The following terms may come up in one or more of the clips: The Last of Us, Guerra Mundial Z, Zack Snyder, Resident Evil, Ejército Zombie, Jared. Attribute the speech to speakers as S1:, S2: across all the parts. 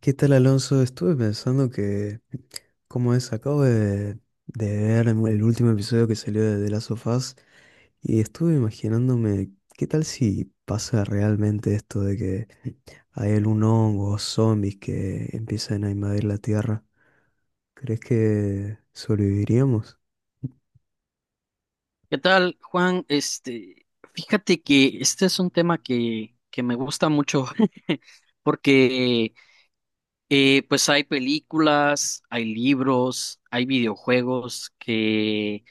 S1: ¿Qué tal, Alonso? Estuve pensando que, como es, acabo de ver el último episodio que salió de The Last of Us y estuve imaginándome qué tal si pasa realmente esto de que hay algún hongo o zombies que empiezan a invadir la Tierra. ¿Crees que sobreviviríamos?
S2: ¿Qué tal, Juan? Fíjate que este es un tema que me gusta mucho porque pues hay películas, hay libros, hay videojuegos que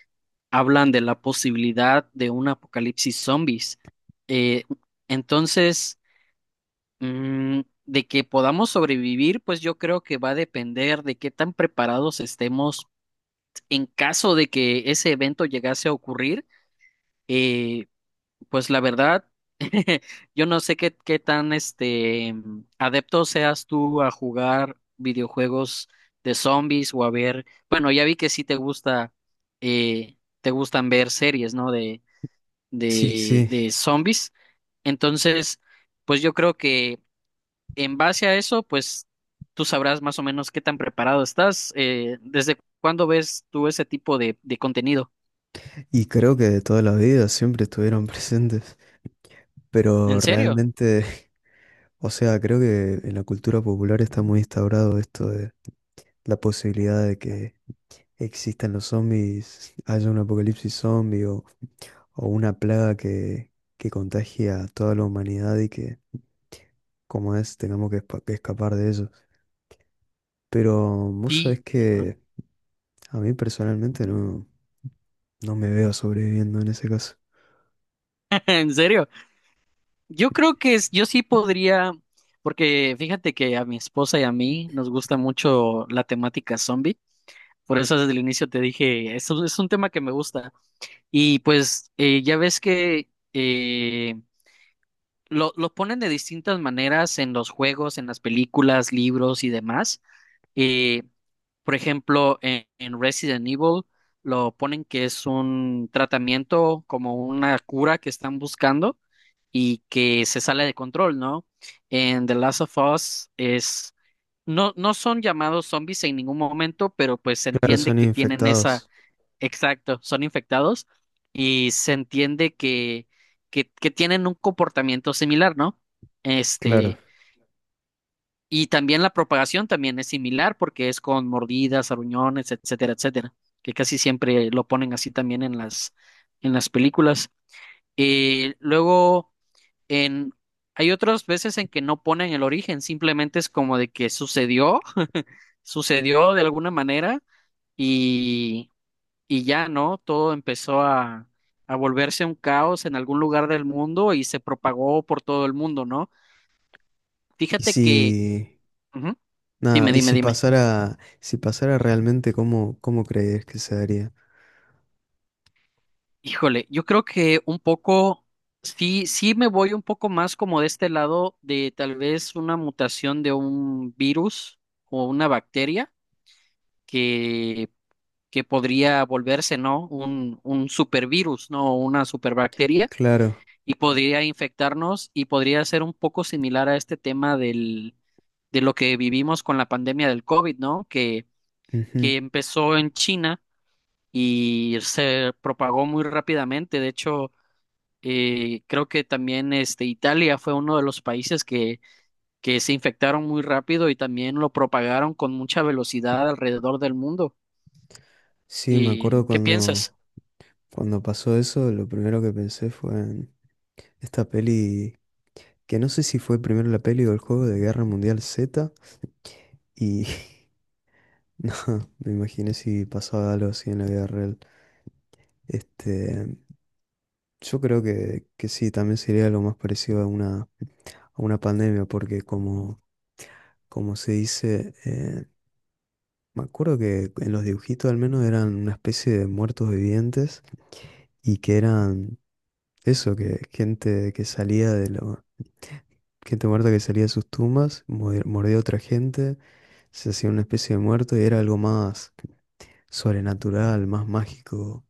S2: hablan de la posibilidad de un apocalipsis zombies. Eh, entonces, mm, de que podamos sobrevivir, pues yo creo que va a depender de qué tan preparados estemos en caso de que ese evento llegase a ocurrir. Eh, Pues la verdad, yo no sé qué tan adepto seas tú a jugar videojuegos de zombies o a ver, bueno, ya vi que sí te gusta, te gustan ver series, ¿no?
S1: Sí, sí.
S2: De zombies. Entonces, pues yo creo que en base a eso, pues tú sabrás más o menos qué tan preparado estás. ¿Desde cuándo ves tú ese tipo de contenido?
S1: Y creo que de toda la vida siempre estuvieron presentes, pero
S2: ¿En serio?
S1: realmente o sea, creo que en la cultura popular está muy instaurado esto de la posibilidad de que existan los zombies, haya un apocalipsis zombie o una plaga que contagie a toda la humanidad y que, como es, tengamos que, que escapar de ello. Pero vos sabés
S2: Sí.
S1: que a mí personalmente no, no me veo sobreviviendo en ese caso.
S2: ¿En serio? Yo creo que yo sí podría, porque fíjate que a mi esposa y a mí nos gusta mucho la temática zombie. Por eso desde el inicio te dije, es un tema que me gusta. Y pues ya ves que lo ponen de distintas maneras en los juegos, en las películas, libros y demás. eh, por ejemplo, en Resident Evil lo ponen que es un tratamiento como una cura que están buscando y que se sale de control, ¿no? En The Last of Us es no son llamados zombies en ningún momento, pero pues se
S1: Claro,
S2: entiende
S1: son
S2: que tienen esa
S1: infectados.
S2: exacto, son infectados y se entiende que que tienen un comportamiento similar, ¿no?
S1: Claro.
S2: Este y también la propagación también es similar porque es con mordidas, aruñones, etcétera, etcétera, que casi siempre lo ponen así también en en las películas. Luego, en, hay otras veces en que no ponen el origen, simplemente es como de que sucedió, sucedió de alguna manera y, y ya, ¿no? Todo empezó a volverse un caos en algún lugar del mundo y se propagó por todo el mundo, ¿no?
S1: Y
S2: Fíjate que...
S1: si
S2: Ujú,
S1: nada, y si
S2: dime.
S1: pasara, si pasara realmente, ¿cómo, cómo crees que se daría?
S2: Híjole, yo creo que un sí me voy un poco más como de este lado de tal vez una mutación de un virus o una bacteria que, que podría volverse, ¿no? Un supervirus, ¿no? Una superbacteria
S1: Claro.
S2: y podría infectarnos y podría ser un poco similar a este tema de lo que vivimos con la pandemia del COVID, ¿no?
S1: Ujú.
S2: Que empezó en China y se propagó muy rápidamente. De hecho, creo que también Italia fue uno de los países que se infectaron muy rápido y también lo propagaron con mucha velocidad alrededor del mundo.
S1: Sí, me
S2: ¿Y
S1: acuerdo
S2: qué piensas?
S1: cuando, cuando pasó eso, lo primero que pensé fue en esta peli, que no sé si fue primero la peli o el juego de Guerra Mundial Z, y no, me imaginé si pasaba algo así en la vida real. Este, Yo creo que sí, también sería lo más parecido a una pandemia, porque como, como se dice, me acuerdo que en los dibujitos al menos eran una especie de muertos vivientes y que eran eso, que gente que salía de lo, gente muerta que salía de sus tumbas, mordía a otra gente, se hacía una especie de muerto y era algo más sobrenatural, más mágico,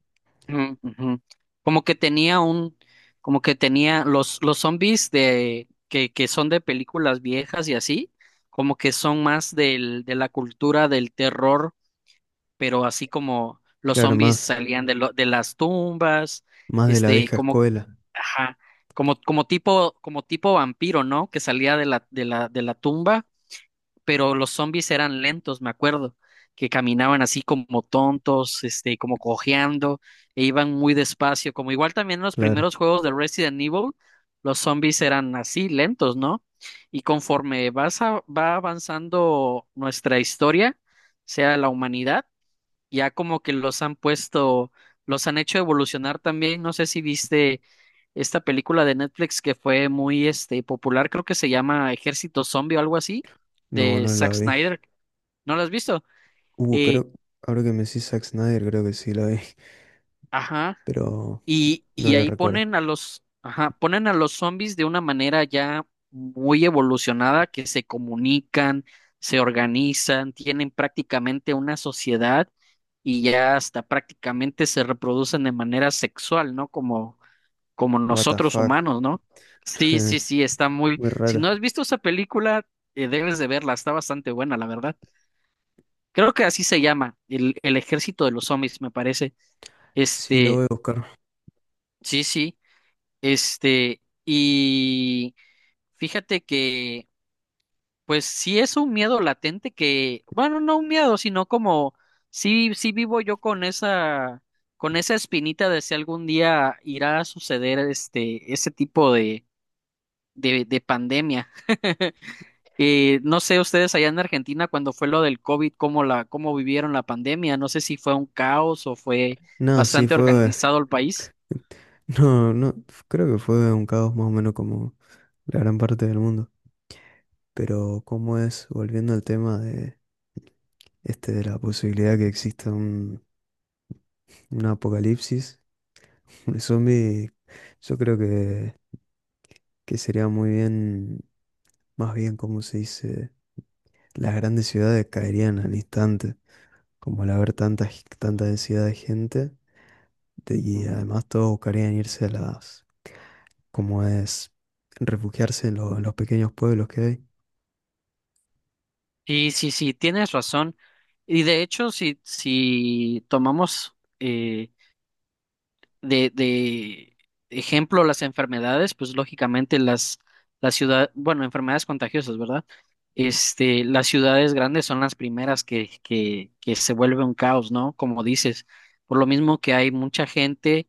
S2: Ujú, ujú. Como que tenía un, como que tenía los zombies que son de películas viejas y así, como que son más de la cultura del terror, pero así como los
S1: claro,
S2: zombies
S1: más,
S2: salían de, de las tumbas,
S1: más de la vieja
S2: como
S1: escuela,
S2: ajá, como, como tipo vampiro, ¿no? Que salía de de la tumba, pero los zombies eran lentos, me acuerdo, que caminaban así como tontos, como cojeando, e iban muy despacio, como igual también en los
S1: claro,
S2: primeros juegos de Resident Evil, los zombies eran así, lentos, ¿no? Y conforme va avanzando nuestra historia, sea la humanidad, ya como que los han puesto, los han hecho evolucionar también. No sé si viste esta película de Netflix que fue muy popular, creo que se llama Ejército Zombie o algo así,
S1: no,
S2: de
S1: no la
S2: Zack
S1: vi.
S2: Snyder. ¿No la has visto? Eh,
S1: Creo, ahora que me decís Zack Snyder, creo que sí la vi,
S2: ajá.
S1: pero no
S2: Y
S1: la
S2: ahí
S1: recuerdo.
S2: ponen a los, ajá, ponen a los zombies de una manera ya muy evolucionada, que se comunican, se organizan, tienen prácticamente una sociedad y ya hasta prácticamente se reproducen de manera sexual, ¿no? Como, como
S1: What the
S2: nosotros
S1: fuck,
S2: humanos, ¿no? Sí, sí, sí, está muy...
S1: muy
S2: Si no
S1: raro.
S2: has visto esa película, debes de verla, está bastante buena, la verdad. Creo que así se llama, el ejército de los zombies, me parece.
S1: Sí, lo voy
S2: Este,
S1: a buscar.
S2: sí, sí. Y fíjate que, pues sí es un miedo latente que, bueno, no un miedo, sino como, sí, sí vivo yo con esa espinita de si algún día irá a suceder ese tipo de pandemia. No sé ustedes allá en Argentina cuando fue lo del COVID, cómo cómo vivieron la pandemia, no sé si fue un caos o fue
S1: No, sí,
S2: bastante
S1: fue,
S2: organizado el país.
S1: no, no, creo que fue un caos más o menos como la gran parte del mundo. Pero cómo es, volviendo al tema de este de la posibilidad que exista un apocalipsis de zombie, yo creo que sería muy bien, más bien como se dice, las grandes ciudades caerían al instante. Como al haber tanta, tanta densidad de gente, de- y además todos buscarían irse a las, como es, refugiarse en, en los pequeños pueblos que hay.
S2: Sí, sí, sí, tienes razón. Y de hecho, si tomamos de ejemplo las enfermedades, pues lógicamente las ciudades, bueno, enfermedades contagiosas, ¿verdad? Las ciudades grandes son las primeras que se vuelve un caos, ¿no? Como dices, por lo mismo que hay mucha gente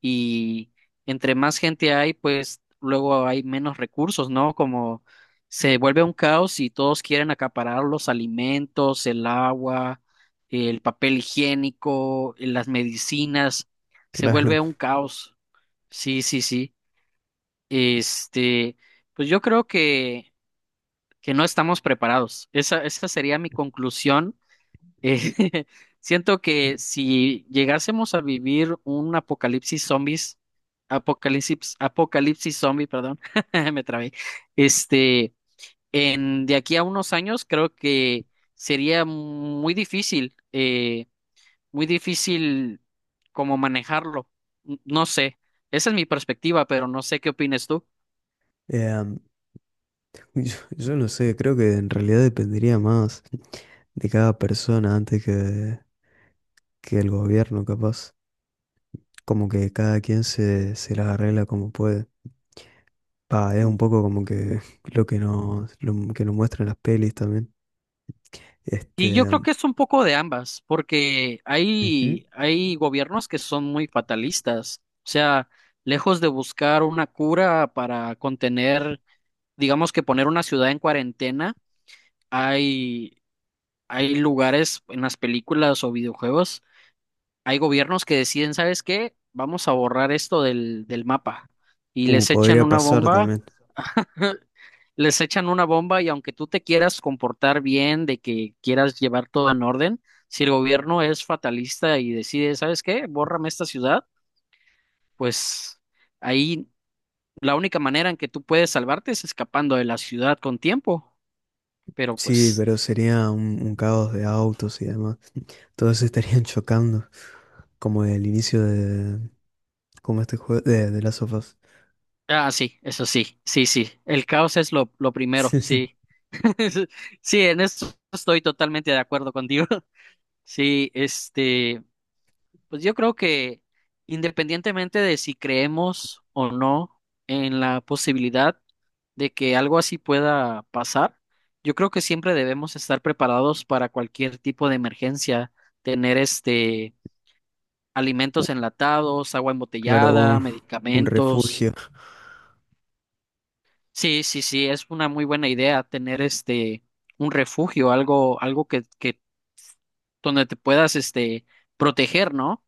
S2: y entre más gente hay, pues luego hay menos recursos, ¿no? Como se vuelve un caos y todos quieren acaparar los alimentos, el agua, el papel higiénico, las medicinas, se
S1: Claro.
S2: vuelve un caos. Sí, sí, sí. Este, pues yo creo que no estamos preparados. Esa sería mi conclusión eh, siento que si llegásemos a vivir un apocalipsis zombies, apocalipsis zombie, perdón, me trabé, este, en de aquí a unos años creo que sería muy difícil como manejarlo. No sé, esa es mi perspectiva, pero no sé qué opines tú.
S1: Em, yo, yo no sé, creo que en realidad dependería más de cada persona antes que el gobierno, capaz. Como que cada quien se, se las arregla como puede. Pa, es un
S2: Mm.
S1: poco como que lo que nos muestran las pelis también. Este,
S2: Y yo creo que es un poco de ambas, porque
S1: ujú.
S2: hay gobiernos que son muy fatalistas, o sea, lejos de buscar una cura para contener, digamos que poner una ciudad en cuarentena, hay, hay lugares en las películas o videojuegos, hay gobiernos que deciden, ¿sabes qué? Vamos a borrar esto del mapa y les echan
S1: Podría
S2: una
S1: pasar
S2: bomba.
S1: también.
S2: Les echan una bomba y aunque tú te quieras comportar bien, de que quieras llevar todo en orden, si el gobierno es fatalista y decide, ¿sabes qué? Bórrame esta ciudad, pues ahí la única manera en que tú puedes salvarte es escapando de la ciudad con tiempo. Pero
S1: Sí,
S2: pues,
S1: pero sería un caos de autos y demás. Todos se estarían chocando, como el inicio de, como este juego de Last of Us.
S2: ah, sí, eso sí, sí, sí, el caos es lo primero, sí. Sí, en eso estoy totalmente de acuerdo contigo. Sí, pues yo creo que independientemente de si creemos o no en la posibilidad de que algo así pueda pasar, yo creo que siempre debemos estar preparados para cualquier tipo de emergencia, tener
S1: U-
S2: alimentos enlatados, agua
S1: claro,
S2: embotellada,
S1: un
S2: medicamentos.
S1: refugio,
S2: Sí, sí, sí, es una muy buena idea tener un refugio, algo, algo que donde te puedas proteger, ¿no?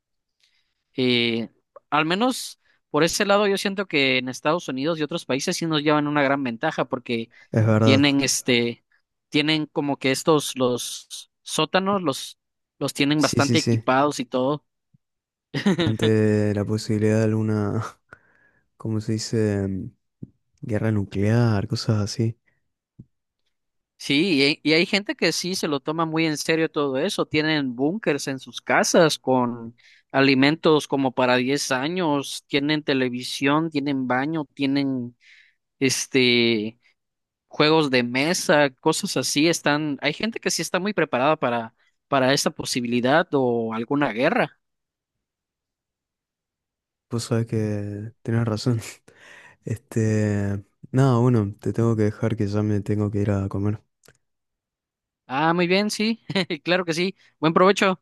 S2: Y al menos por ese lado yo siento que en Estados Unidos y otros países sí nos llevan una gran ventaja porque
S1: es verdad.
S2: tienen tienen como que estos, los sótanos, los tienen
S1: Sí, sí,
S2: bastante
S1: sí.
S2: equipados y todo.
S1: Ante la posibilidad de alguna, ¿cómo se dice? Guerra nuclear, cosas así.
S2: Sí, y hay gente que sí se lo toma muy en serio todo eso. Tienen búnkers en sus casas con alimentos como para 10 años, tienen televisión, tienen baño, tienen este juegos de mesa, cosas así, están, hay gente que sí está muy preparada para esta posibilidad o alguna guerra.
S1: Vos sabés que tenés razón. Este, nada, bueno, te tengo que dejar que ya me tengo que ir a comer.
S2: Ah, muy bien, sí, claro que sí. Buen provecho.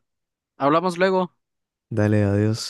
S2: Hablamos luego.
S1: Dale, adiós.